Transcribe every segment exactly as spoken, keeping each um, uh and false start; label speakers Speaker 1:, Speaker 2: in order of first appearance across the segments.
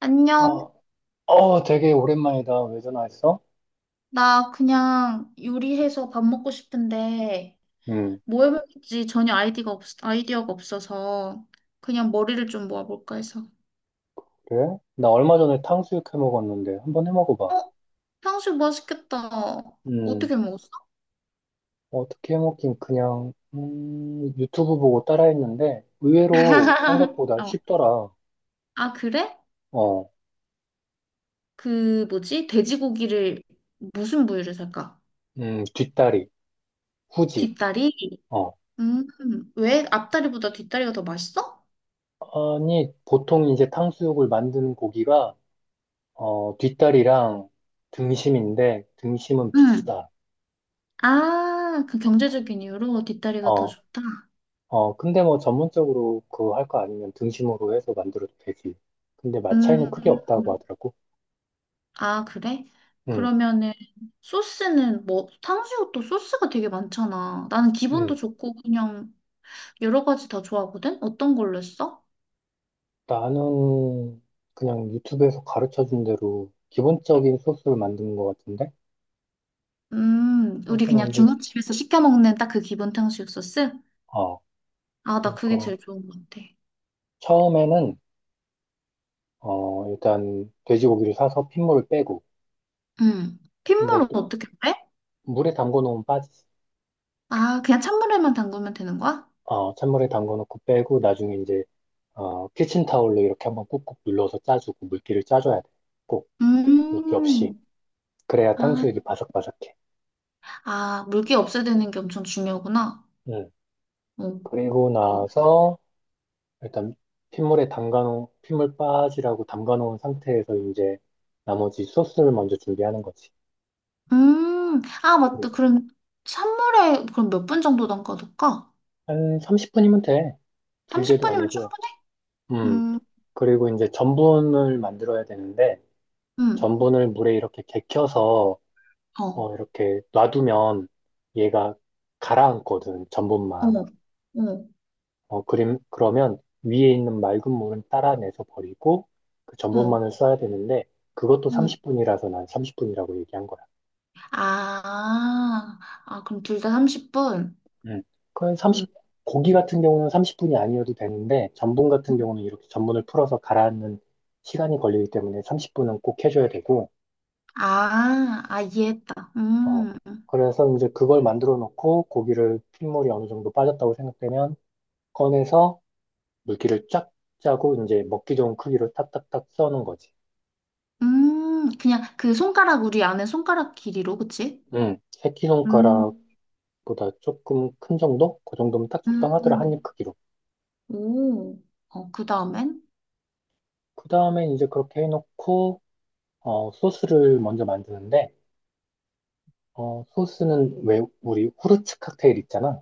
Speaker 1: 안녕.
Speaker 2: 어, 어, 되게 오랜만이다. 왜 전화했어?
Speaker 1: 나 그냥 요리해서 밥 먹고 싶은데
Speaker 2: 음,
Speaker 1: 뭐 해볼지 전혀 아이디가 없, 아이디어가 없어서 그냥 머리를 좀 모아볼까 해서.
Speaker 2: 그래? 나 얼마 전에 탕수육 해 먹었는데 한번 해 먹어봐.
Speaker 1: 어? 탕수육 맛있겠다.
Speaker 2: 음,
Speaker 1: 어떻게 먹었어?
Speaker 2: 어떻게 해 먹긴 그냥 음, 유튜브 보고 따라했는데 의외로 생각보다
Speaker 1: 어.
Speaker 2: 쉽더라.
Speaker 1: 아, 그래?
Speaker 2: 어,
Speaker 1: 그 뭐지? 돼지고기를 무슨 부위를 살까?
Speaker 2: 음, 뒷다리, 후지.
Speaker 1: 뒷다리?
Speaker 2: 어,
Speaker 1: 음, 왜 앞다리보다 뒷다리가 더 맛있어?
Speaker 2: 아니 보통 이제 탕수육을 만드는 고기가 어, 뒷다리랑 등심인데 등심은
Speaker 1: 음.
Speaker 2: 비싸.
Speaker 1: 아, 그 경제적인 이유로 뒷다리가 더
Speaker 2: 어.
Speaker 1: 좋다.
Speaker 2: 어, 근데 뭐 전문적으로 그거 할 거 아니면 등심으로 해서 만들어도 되지. 근데 맛 차이는
Speaker 1: 음.
Speaker 2: 크게 없다고 하더라고.
Speaker 1: 아, 그래?
Speaker 2: 응,
Speaker 1: 그러면은 소스는 뭐 탕수육도 소스가 되게 많잖아. 나는 기본도
Speaker 2: 응.
Speaker 1: 좋고 그냥 여러 가지 다 좋아하거든. 어떤 걸로 했어?
Speaker 2: 나는 그냥 유튜브에서 가르쳐 준 대로 기본적인 소스를 만드는 것 같은데?
Speaker 1: 음, 우리
Speaker 2: 소스
Speaker 1: 그냥
Speaker 2: 만들,
Speaker 1: 중국집에서 시켜 먹는 딱 그 기본 탕수육 소스?
Speaker 2: 어,
Speaker 1: 아, 나 그게
Speaker 2: 그러니까
Speaker 1: 제일 좋은 것 같아.
Speaker 2: 처음에는, 어, 일단 돼지고기를 사서 핏물을 빼고,
Speaker 1: 음.
Speaker 2: 근데
Speaker 1: 핏물은
Speaker 2: 또
Speaker 1: 어떻게 빼?
Speaker 2: 물에 담궈 놓으면 빠지지.
Speaker 1: 아, 그냥 찬물에만 담그면 되는 거야?
Speaker 2: 어, 찬물에 담궈 놓고 빼고, 나중에 이제, 어, 키친타올로 이렇게 한번 꾹꾹 눌러서 짜주고, 물기를 짜줘야 돼. 꼭, 물기 없이.
Speaker 1: 음.
Speaker 2: 그래야
Speaker 1: 아,
Speaker 2: 탕수육이 바삭바삭해.
Speaker 1: 아, 물기 없애야 되는 게 엄청 중요하구나.
Speaker 2: 음.
Speaker 1: 어.
Speaker 2: 그리고 나서 일단 핏물에 담가놓은 핏물 빠지라고 담가놓은 상태에서 이제 나머지 소스를 먼저 준비하는 거지.
Speaker 1: 음, 아, 맞다.
Speaker 2: 그리고
Speaker 1: 그럼 선물에 그럼 몇 분 정도 담가둘까?
Speaker 2: 한 삼십 분이면 돼. 길게도
Speaker 1: 삼십 분이면
Speaker 2: 아니고.
Speaker 1: 충분해?
Speaker 2: 음.
Speaker 1: 음,
Speaker 2: 그리고 이제 전분을 만들어야 되는데
Speaker 1: 음,
Speaker 2: 전분을 물에 이렇게 gek혀서
Speaker 1: 어, 어,
Speaker 2: 어, 이렇게 놔두면 얘가 가라앉거든. 전분만.
Speaker 1: 어,
Speaker 2: 어, 그림, 그러면 위에 있는 맑은 물은 따라내서 버리고 그
Speaker 1: 어,
Speaker 2: 전분만을 써야 되는데 그것도
Speaker 1: 음.
Speaker 2: 삼십 분이라서 난 삼십 분이라고 얘기한 거야.
Speaker 1: 아, 아, 그럼 둘 다 삼십 분?
Speaker 2: 음. 그건
Speaker 1: 음.
Speaker 2: 30, 고기 같은 경우는 삼십 분이 아니어도 되는데 전분 같은 경우는 이렇게 전분을 풀어서 가라앉는 시간이 걸리기 때문에 삼십 분은 꼭 해줘야 되고,
Speaker 1: 아, 아, 이해했다.
Speaker 2: 어,
Speaker 1: 음,
Speaker 2: 그래서 이제 그걸 만들어 놓고 고기를 핏물이 어느 정도 빠졌다고 생각되면 꺼내서 물기를 쫙 짜고 이제 먹기 좋은 크기로 탁탁탁 써는 거지.
Speaker 1: 음, 그냥 그 손가락, 우리 안에 손가락 길이로, 그치?
Speaker 2: 음,
Speaker 1: 음,
Speaker 2: 보다 조금 큰 정도? 그 정도면 딱 적당하더라, 한
Speaker 1: 음,
Speaker 2: 입 크기로.
Speaker 1: 오, 어, 그 다음엔?
Speaker 2: 그 다음엔 이제 그렇게 해놓고, 어, 소스를 먼저 만드는데, 어, 소스는 왜, 우리 후르츠 칵테일 있잖아.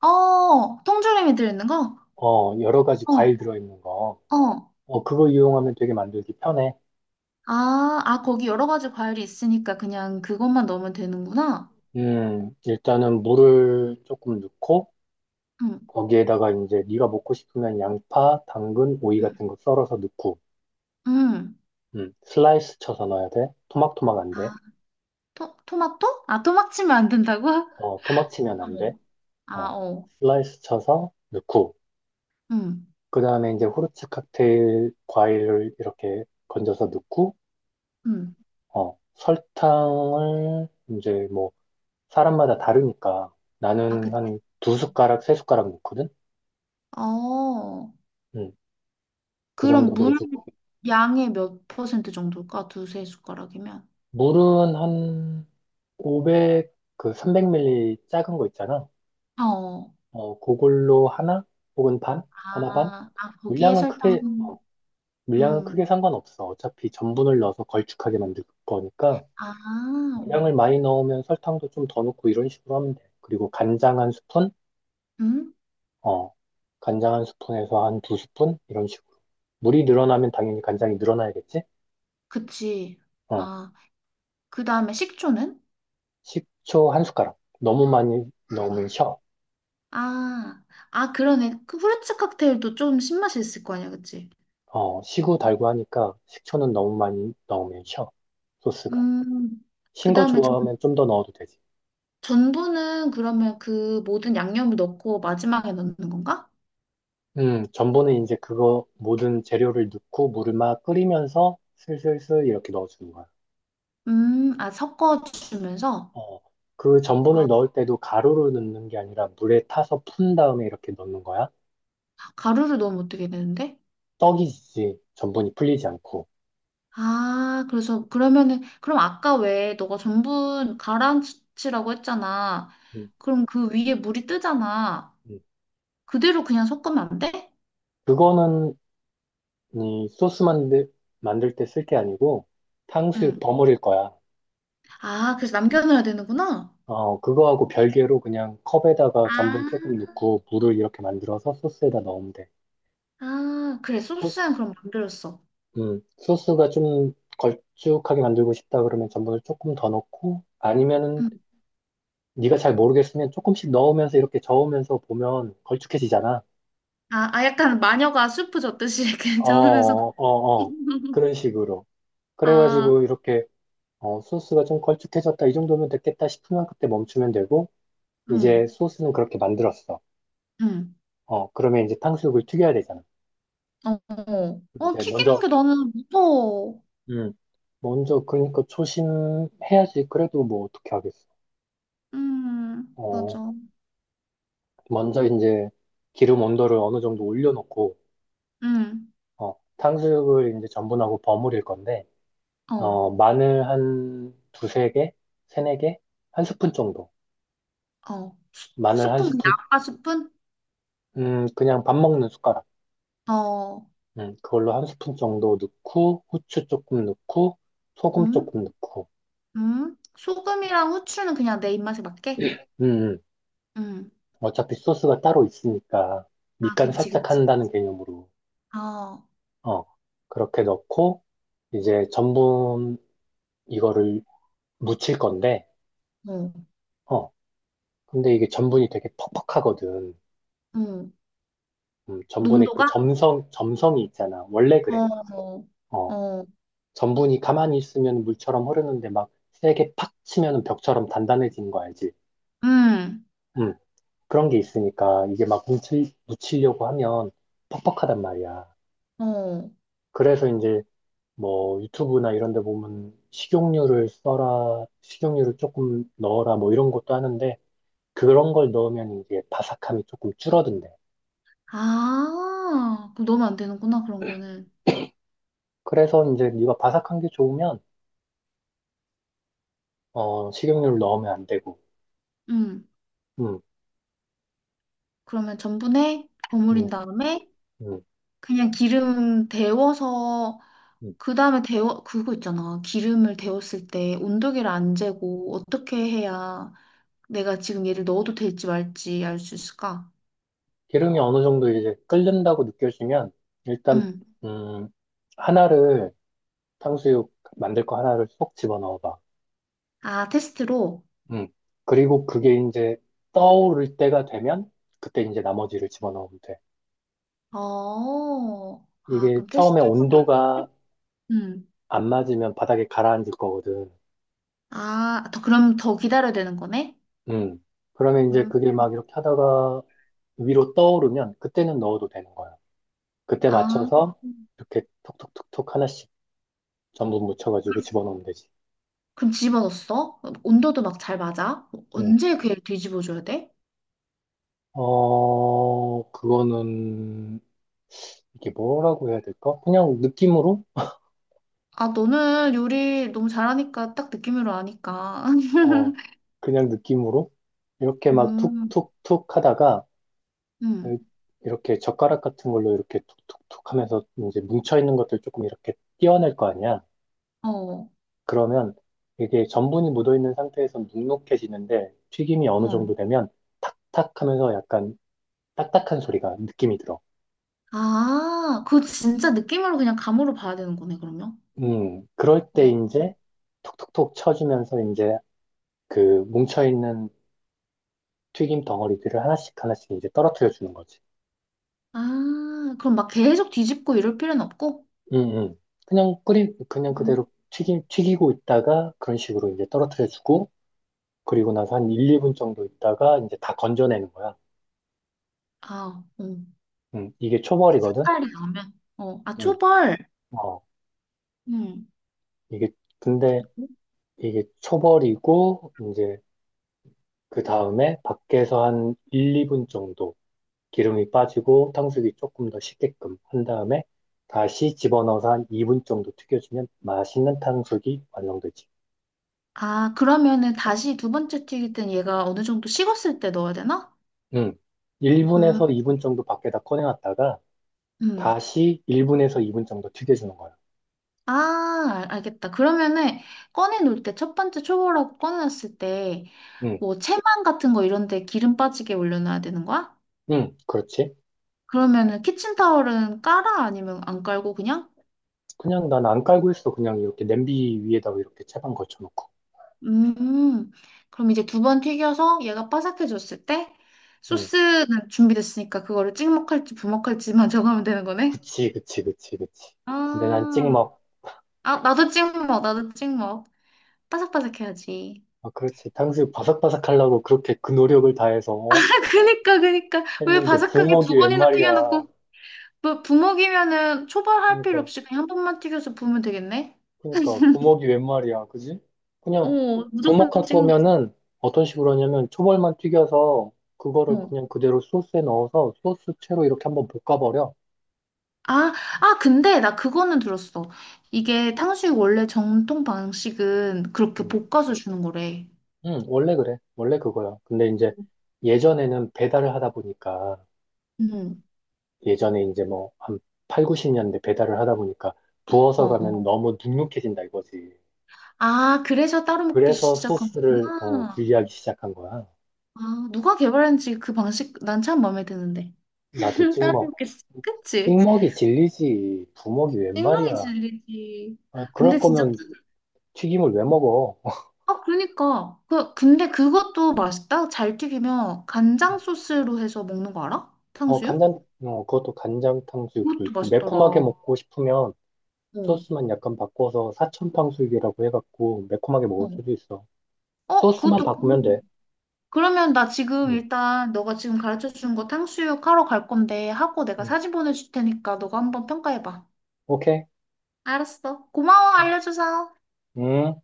Speaker 1: 어, 통조림이 들어있는 거?
Speaker 2: 어, 여러 가지
Speaker 1: 어,
Speaker 2: 과일 들어있는 거.
Speaker 1: 어,
Speaker 2: 어, 그거 이용하면 되게 만들기 편해.
Speaker 1: 아, 아, 거기 여러 가지 과일이 있으니까 그냥 그것만 넣으면 되는구나.
Speaker 2: 음, 일단은 물을 조금 넣고,
Speaker 1: 응,
Speaker 2: 거기에다가 이제 네가 먹고 싶으면 양파, 당근, 오이
Speaker 1: 응,
Speaker 2: 같은 거 썰어서 넣고,
Speaker 1: 응.
Speaker 2: 음, 슬라이스 쳐서 넣어야 돼. 토막토막 안 돼.
Speaker 1: 아, 토, 토마토? 아, 토막 치면 안 된다고?
Speaker 2: 어, 토막 치면 안 돼.
Speaker 1: 어. 아,
Speaker 2: 어,
Speaker 1: 어.
Speaker 2: 슬라이스 쳐서 넣고,
Speaker 1: 응,
Speaker 2: 그 다음에 이제 후르츠 칵테일 과일을 이렇게 건져서 넣고,
Speaker 1: 응.
Speaker 2: 어, 설탕을 이제 뭐, 사람마다 다르니까
Speaker 1: 아,
Speaker 2: 나는
Speaker 1: 그치.
Speaker 2: 한 두 숟가락, 세 숟가락 넣거든?
Speaker 1: 어.
Speaker 2: 음, 그
Speaker 1: 그럼
Speaker 2: 정도
Speaker 1: 물
Speaker 2: 넣어주고.
Speaker 1: 양의 몇 퍼센트 정도일까? 두세 숟가락이면.
Speaker 2: 물은 한 오백 그 삼백 밀리리터 작은 거 있잖아.
Speaker 1: 어.
Speaker 2: 어, 그걸로 하나 혹은 반? 하나 반?
Speaker 1: 아, 아, 거기에
Speaker 2: 물량은
Speaker 1: 설탕.
Speaker 2: 크게, 어, 물량은
Speaker 1: 음.
Speaker 2: 크게 상관없어. 어차피 전분을 넣어서 걸쭉하게 만들 거니까.
Speaker 1: 아, 어.
Speaker 2: 물량을 많이 넣으면 설탕도 좀 더 넣고 이런 식으로 하면 돼. 그리고 간장 한 스푼?
Speaker 1: 음?
Speaker 2: 어, 간장 한 스푼에서 한 두 스푼? 이런 식으로. 물이 늘어나면 당연히 간장이 늘어나야겠지?
Speaker 1: 그치.
Speaker 2: 어,
Speaker 1: 아, 그 다음에 식초는?
Speaker 2: 식초 한 숟가락. 너무 많이 넣으면 셔.
Speaker 1: 아, 아, 그러네. 그 후르츠 칵테일도 좀 신맛이 있을 거 아니야, 그치?
Speaker 2: 어, 시후 달고 하니까 식초는 너무 많이 넣으면 셔. 소스가.
Speaker 1: 음, 그
Speaker 2: 신 거
Speaker 1: 다음에 전,
Speaker 2: 좋아하면 좀 더 넣어도 되지.
Speaker 1: 전분은 그러면 그 모든 양념을 넣고 마지막에 넣는 건가?
Speaker 2: 음, 전분은 이제 그거 모든 재료를 넣고 물을 막 끓이면서 슬슬슬 이렇게 넣어주는 거야.
Speaker 1: 음, 아, 섞어주면서?
Speaker 2: 어, 그 전분을
Speaker 1: 아,
Speaker 2: 넣을 때도 가루로 넣는 게 아니라 물에 타서 푼 다음에 이렇게 넣는 거야?
Speaker 1: 가루를 넣으면 어떻게 되는데?
Speaker 2: 떡이지, 전분이 풀리지 않고.
Speaker 1: 아, 그래서 그러면은, 그럼 아까 왜 너가 전분 가라앉히라고 했잖아.
Speaker 2: 음,
Speaker 1: 그럼 그 위에 물이 뜨잖아.
Speaker 2: 음.
Speaker 1: 그대로 그냥 섞으면 안 돼?
Speaker 2: 그거는 이 소스 만들, 만들 때 쓸 게 아니고 탕수육
Speaker 1: 음.
Speaker 2: 버무릴 거야.
Speaker 1: 아, 그래서 남겨놔야 되는구나.
Speaker 2: 어, 그거하고 별개로 그냥 컵에다가 전분
Speaker 1: 아
Speaker 2: 조금 넣고 물을 이렇게 만들어서 소스에다 넣으면 돼.
Speaker 1: 아, 그래. 소스는
Speaker 2: 소스,
Speaker 1: 그럼 만들었어.
Speaker 2: 음, 소스가 좀 걸쭉하게 만들고 싶다 그러면 전분을 조금 더 넣고 아니면은
Speaker 1: 응.
Speaker 2: 네가 잘 모르겠으면 조금씩 넣으면서 이렇게 저으면서 보면 걸쭉해지잖아.
Speaker 1: 아, 아, 약간 마녀가 수프 젓듯이 이렇게
Speaker 2: 어,
Speaker 1: 잡으면서.
Speaker 2: 어, 어. 어. 그런 식으로.
Speaker 1: 아,
Speaker 2: 그래가지고 이렇게 어, 소스가 좀 걸쭉해졌다. 이 정도면 됐겠다 싶으면 그때 멈추면 되고 이제
Speaker 1: 응
Speaker 2: 소스는 그렇게 만들었어.
Speaker 1: 응.
Speaker 2: 어, 그러면 이제 탕수육을 튀겨야 되잖아.
Speaker 1: 어, 어, 어,
Speaker 2: 이제
Speaker 1: 튀기는
Speaker 2: 먼저,
Speaker 1: 게 나는 무서워.
Speaker 2: 음, 먼저 그러니까 초심해야지. 그래도 뭐 어떻게 하겠어.
Speaker 1: 음,
Speaker 2: 어,
Speaker 1: 맞아.
Speaker 2: 먼저 이제 기름 온도를 어느 정도 올려놓고
Speaker 1: 응
Speaker 2: 어, 탕수육을 이제 전분하고 버무릴 건데
Speaker 1: 어,
Speaker 2: 어, 마늘 한 두세 개? 세네 개? 한 스푼 정도.
Speaker 1: 어. 수-
Speaker 2: 마늘 한
Speaker 1: 스푼, 그냥
Speaker 2: 스푼,
Speaker 1: 아빠 스푼?
Speaker 2: 음, 그냥 밥 먹는 숟가락.
Speaker 1: 어,
Speaker 2: 음, 그걸로 한 스푼 정도 넣고, 후추 조금 넣고, 소금
Speaker 1: 음,
Speaker 2: 조금 넣고.
Speaker 1: 음. 소금이랑 후추는 그냥 내 입맛에 맞게?
Speaker 2: 음, 음.
Speaker 1: 음.
Speaker 2: 어차피 소스가 따로 있으니까,
Speaker 1: 아,
Speaker 2: 밑간
Speaker 1: 그치,
Speaker 2: 살짝
Speaker 1: 그치.
Speaker 2: 한다는 개념으로.
Speaker 1: 아, 어,
Speaker 2: 어, 그렇게 넣고, 이제 전분 이거를 무칠 건데, 어, 근데 이게 전분이 되게 퍽퍽하거든.
Speaker 1: 어.
Speaker 2: 음, 전분의 그
Speaker 1: 농도가?
Speaker 2: 점성, 점성이 있잖아. 원래 그래.
Speaker 1: 어, 어,
Speaker 2: 어,
Speaker 1: 어.
Speaker 2: 전분이 가만히 있으면 물처럼 흐르는데 막 세게 팍 치면 벽처럼 단단해지는 거 알지?
Speaker 1: 음.
Speaker 2: 음 그런 게 있으니까 이게 막 뭉칠, 묻히려고 하면 퍽퍽하단 말이야.
Speaker 1: 어.
Speaker 2: 그래서 이제 뭐 유튜브나 이런 데 보면 식용유를 써라, 식용유를 조금 넣어라 뭐 이런 것도 하는데 그런 걸 넣으면 이제 바삭함이 조금 줄어든대.
Speaker 1: 아, 그럼 넣으면 안 되는구나, 그런 거는.
Speaker 2: 그래서 이제 네가 바삭한 게 좋으면 어, 식용유를 넣으면 안 되고.
Speaker 1: 음.
Speaker 2: 음,
Speaker 1: 그러면 전분에
Speaker 2: 음,
Speaker 1: 버무린 다음에
Speaker 2: 음,
Speaker 1: 그냥 기름 데워서
Speaker 2: 음.
Speaker 1: 그 다음에 데워 그거 있잖아. 기름을 데웠을 때 온도계를 안 재고 어떻게 해야 내가 지금 얘를 넣어도 될지 말지 알 수 있을까?
Speaker 2: 기름이 어느 정도 이제 끓는다고 느껴지면 일단
Speaker 1: 음.
Speaker 2: 음 하나를 탕수육 만들 거 하나를 쏙 집어넣어 봐.
Speaker 1: 아, 테스트로.
Speaker 2: 음. 그리고 그게 이제 떠오를 때가 되면 그때 이제 나머지를 집어넣으면 돼.
Speaker 1: 어. 아,
Speaker 2: 이게
Speaker 1: 그럼
Speaker 2: 처음에
Speaker 1: 테스트로 좀
Speaker 2: 온도가
Speaker 1: 음.
Speaker 2: 안 맞으면 바닥에 가라앉을 거거든.
Speaker 1: 아, 더 그럼 더 기다려야 되는 거네?
Speaker 2: 음. 그러면 이제
Speaker 1: 음.
Speaker 2: 그게 막 이렇게 하다가 위로 떠오르면 그때는 넣어도 되는 거야. 그때
Speaker 1: 아.
Speaker 2: 맞춰서 이렇게 톡톡톡톡 하나씩 전부 묻혀가지고 집어넣으면 되지.
Speaker 1: 그럼 집어넣었어? 온도도 막 잘 맞아?
Speaker 2: 음,
Speaker 1: 언제 그 애를 뒤집어줘야 돼?
Speaker 2: 어, 그거는, 이게 뭐라고 해야 될까? 그냥 느낌으로?
Speaker 1: 아, 너는 요리 너무 잘하니까 딱 느낌으로 아니까.
Speaker 2: 어, 그냥 느낌으로? 이렇게 막
Speaker 1: 음,
Speaker 2: 툭툭툭 하다가,
Speaker 1: 음,
Speaker 2: 이렇게 젓가락 같은 걸로 이렇게 툭툭툭 하면서 이제 뭉쳐있는 것들 조금 이렇게 떼어낼 거 아니야?
Speaker 1: 어,
Speaker 2: 그러면 이게 전분이 묻어있는 상태에서 눅눅해지는데, 튀김이 어느
Speaker 1: 어.
Speaker 2: 정도 되면 탁탁 하면서 약간 딱딱한 소리가 느낌이 들어.
Speaker 1: 아, 그거 진짜 느낌으로 그냥 감으로 봐야 되는 거네, 그러면.
Speaker 2: 음, 그럴 때
Speaker 1: 어.
Speaker 2: 이제 톡톡톡 쳐주면서 이제 그 뭉쳐있는 튀김 덩어리들을 하나씩 하나씩 이제 떨어뜨려 주는 거지.
Speaker 1: 아, 그럼 막 계속 뒤집고 이럴 필요는 없고?
Speaker 2: 응, 응. 그냥 끓이, 그냥
Speaker 1: 음.
Speaker 2: 그대로 튀김, 튀기고 있다가 그런 식으로 이제 떨어뜨려 주고, 그리고 나서 한 일, 이 분 정도 있다가 이제 다 건져내는 거야.
Speaker 1: 아, 음.
Speaker 2: 응, 이게 초벌이거든?
Speaker 1: 색깔이 나오면. 어, 아,
Speaker 2: 응.
Speaker 1: 초벌.
Speaker 2: 어,
Speaker 1: 음.
Speaker 2: 이게, 근데 이게 초벌이고, 이제 그 다음에 밖에서 한 일, 이 분 정도 기름이 빠지고 탕수육이 조금 더 식게끔 한 다음에 다시 집어넣어서 한 이 분 정도 튀겨주면 맛있는 탕수육이 완성되지.
Speaker 1: 아, 그러면은 다시 두 번째 튀길 땐 얘가 어느 정도 식었을 때 넣어야 되나?
Speaker 2: 음.
Speaker 1: 음.
Speaker 2: 일 분에서 이 분 정도 밖에다 꺼내놨다가
Speaker 1: 음.
Speaker 2: 다시 일 분에서 이 분 정도 튀겨주는 거야.
Speaker 1: 아, 알- 알겠다. 그러면은 꺼내놓을 때 첫 번째 초보라고 꺼내놨을 때
Speaker 2: 응,
Speaker 1: 뭐 체만 같은 거 이런 데 기름 빠지게 올려놔야 되는 거야?
Speaker 2: 응, 그렇지.
Speaker 1: 그러면은 키친타월은 깔아? 아니면 안 깔고 그냥?
Speaker 2: 그냥 난 안 깔고 있어. 그냥 이렇게 냄비 위에다가 이렇게 채반 걸쳐놓고.
Speaker 1: 음. 그럼 이제 두 번 튀겨서 얘가 바삭해졌을 때
Speaker 2: 응,
Speaker 1: 소스는 준비됐으니까 그거를 찍먹할지 부먹할지만 정하면 되는 거네?
Speaker 2: 그치, 그치, 그치, 그치. 근데 난
Speaker 1: 아,
Speaker 2: 찍먹.
Speaker 1: 아, 나도 찍먹, 나도 찍먹. 바삭바삭해야지.
Speaker 2: 아, 그렇지. 탕수육 바삭바삭 하려고 그렇게 그 노력을 다해서
Speaker 1: 그니까, 그니까. 왜
Speaker 2: 했는데
Speaker 1: 바삭하게
Speaker 2: 부먹이
Speaker 1: 두
Speaker 2: 웬
Speaker 1: 번이나
Speaker 2: 말이야.
Speaker 1: 튀겨놓고 뭐 부먹이면은 초벌할 필요
Speaker 2: 그러니까
Speaker 1: 없이 그냥 한 번만 튀겨서 부으면 되겠네?
Speaker 2: 그러니까 부먹이 웬 말이야, 그지? 그냥
Speaker 1: 어, 무조건
Speaker 2: 부먹할
Speaker 1: 찍는
Speaker 2: 거면은 어떤 식으로 하냐면 초벌만 튀겨서
Speaker 1: 거.
Speaker 2: 그거를
Speaker 1: 어.
Speaker 2: 그냥 그대로 소스에 넣어서 소스 채로 이렇게 한번 볶아버려.
Speaker 1: 아, 아, 근데 나 그거는 들었어. 이게 탕수육 원래 정통 방식은 그렇게
Speaker 2: 음.
Speaker 1: 볶아서 주는 거래.
Speaker 2: 응, 원래 그래. 원래 그거야. 근데 이제 예전에는 배달을 하다 보니까
Speaker 1: 응
Speaker 2: 예전에 이제 뭐 한 팔십, 구십 년대 배달을 하다 보니까 부어서
Speaker 1: 어.
Speaker 2: 가면 너무 눅눅해진다 이거지.
Speaker 1: 아, 그래서 따로 먹기
Speaker 2: 그래서
Speaker 1: 시작한
Speaker 2: 소스를 어,
Speaker 1: 거구나.
Speaker 2: 분리하기 시작한 거야.
Speaker 1: 아, 누가 개발했는지 그 방식 난 참 마음에 드는데.
Speaker 2: 나도
Speaker 1: 따로
Speaker 2: 찍먹.
Speaker 1: 먹기 시작. 그치?
Speaker 2: 찍먹이 질리지. 부먹이 웬
Speaker 1: 생동이
Speaker 2: 말이야.
Speaker 1: 질리지.
Speaker 2: 아, 그럴
Speaker 1: 근데 진짜
Speaker 2: 거면 튀김을 왜 먹어?
Speaker 1: 아, 그러니까. 그, 근데 그것도 맛있다. 잘 튀기면 간장 소스로 해서 먹는 거 알아?
Speaker 2: 어,
Speaker 1: 탕수육?
Speaker 2: 간장, 어, 그것도 간장 탕수육도
Speaker 1: 그것도
Speaker 2: 있고,
Speaker 1: 맛있더라.
Speaker 2: 매콤하게
Speaker 1: 어,
Speaker 2: 먹고 싶으면 소스만 약간 바꿔서 사천 탕수육이라고 해갖고, 매콤하게 먹을
Speaker 1: 어.
Speaker 2: 수도 있어.
Speaker 1: 어,
Speaker 2: 소스만
Speaker 1: 그것도.
Speaker 2: 바꾸면
Speaker 1: 궁금해.
Speaker 2: 돼.
Speaker 1: 그러면 나 지금
Speaker 2: 음.
Speaker 1: 일단 너가 지금 가르쳐 준 거 탕수육 하러 갈 건데 하고 내가
Speaker 2: 음.
Speaker 1: 사진 보내줄 테니까 너가 한번 평가해봐.
Speaker 2: 오케이?
Speaker 1: 알았어. 고마워, 알려줘서.
Speaker 2: 음.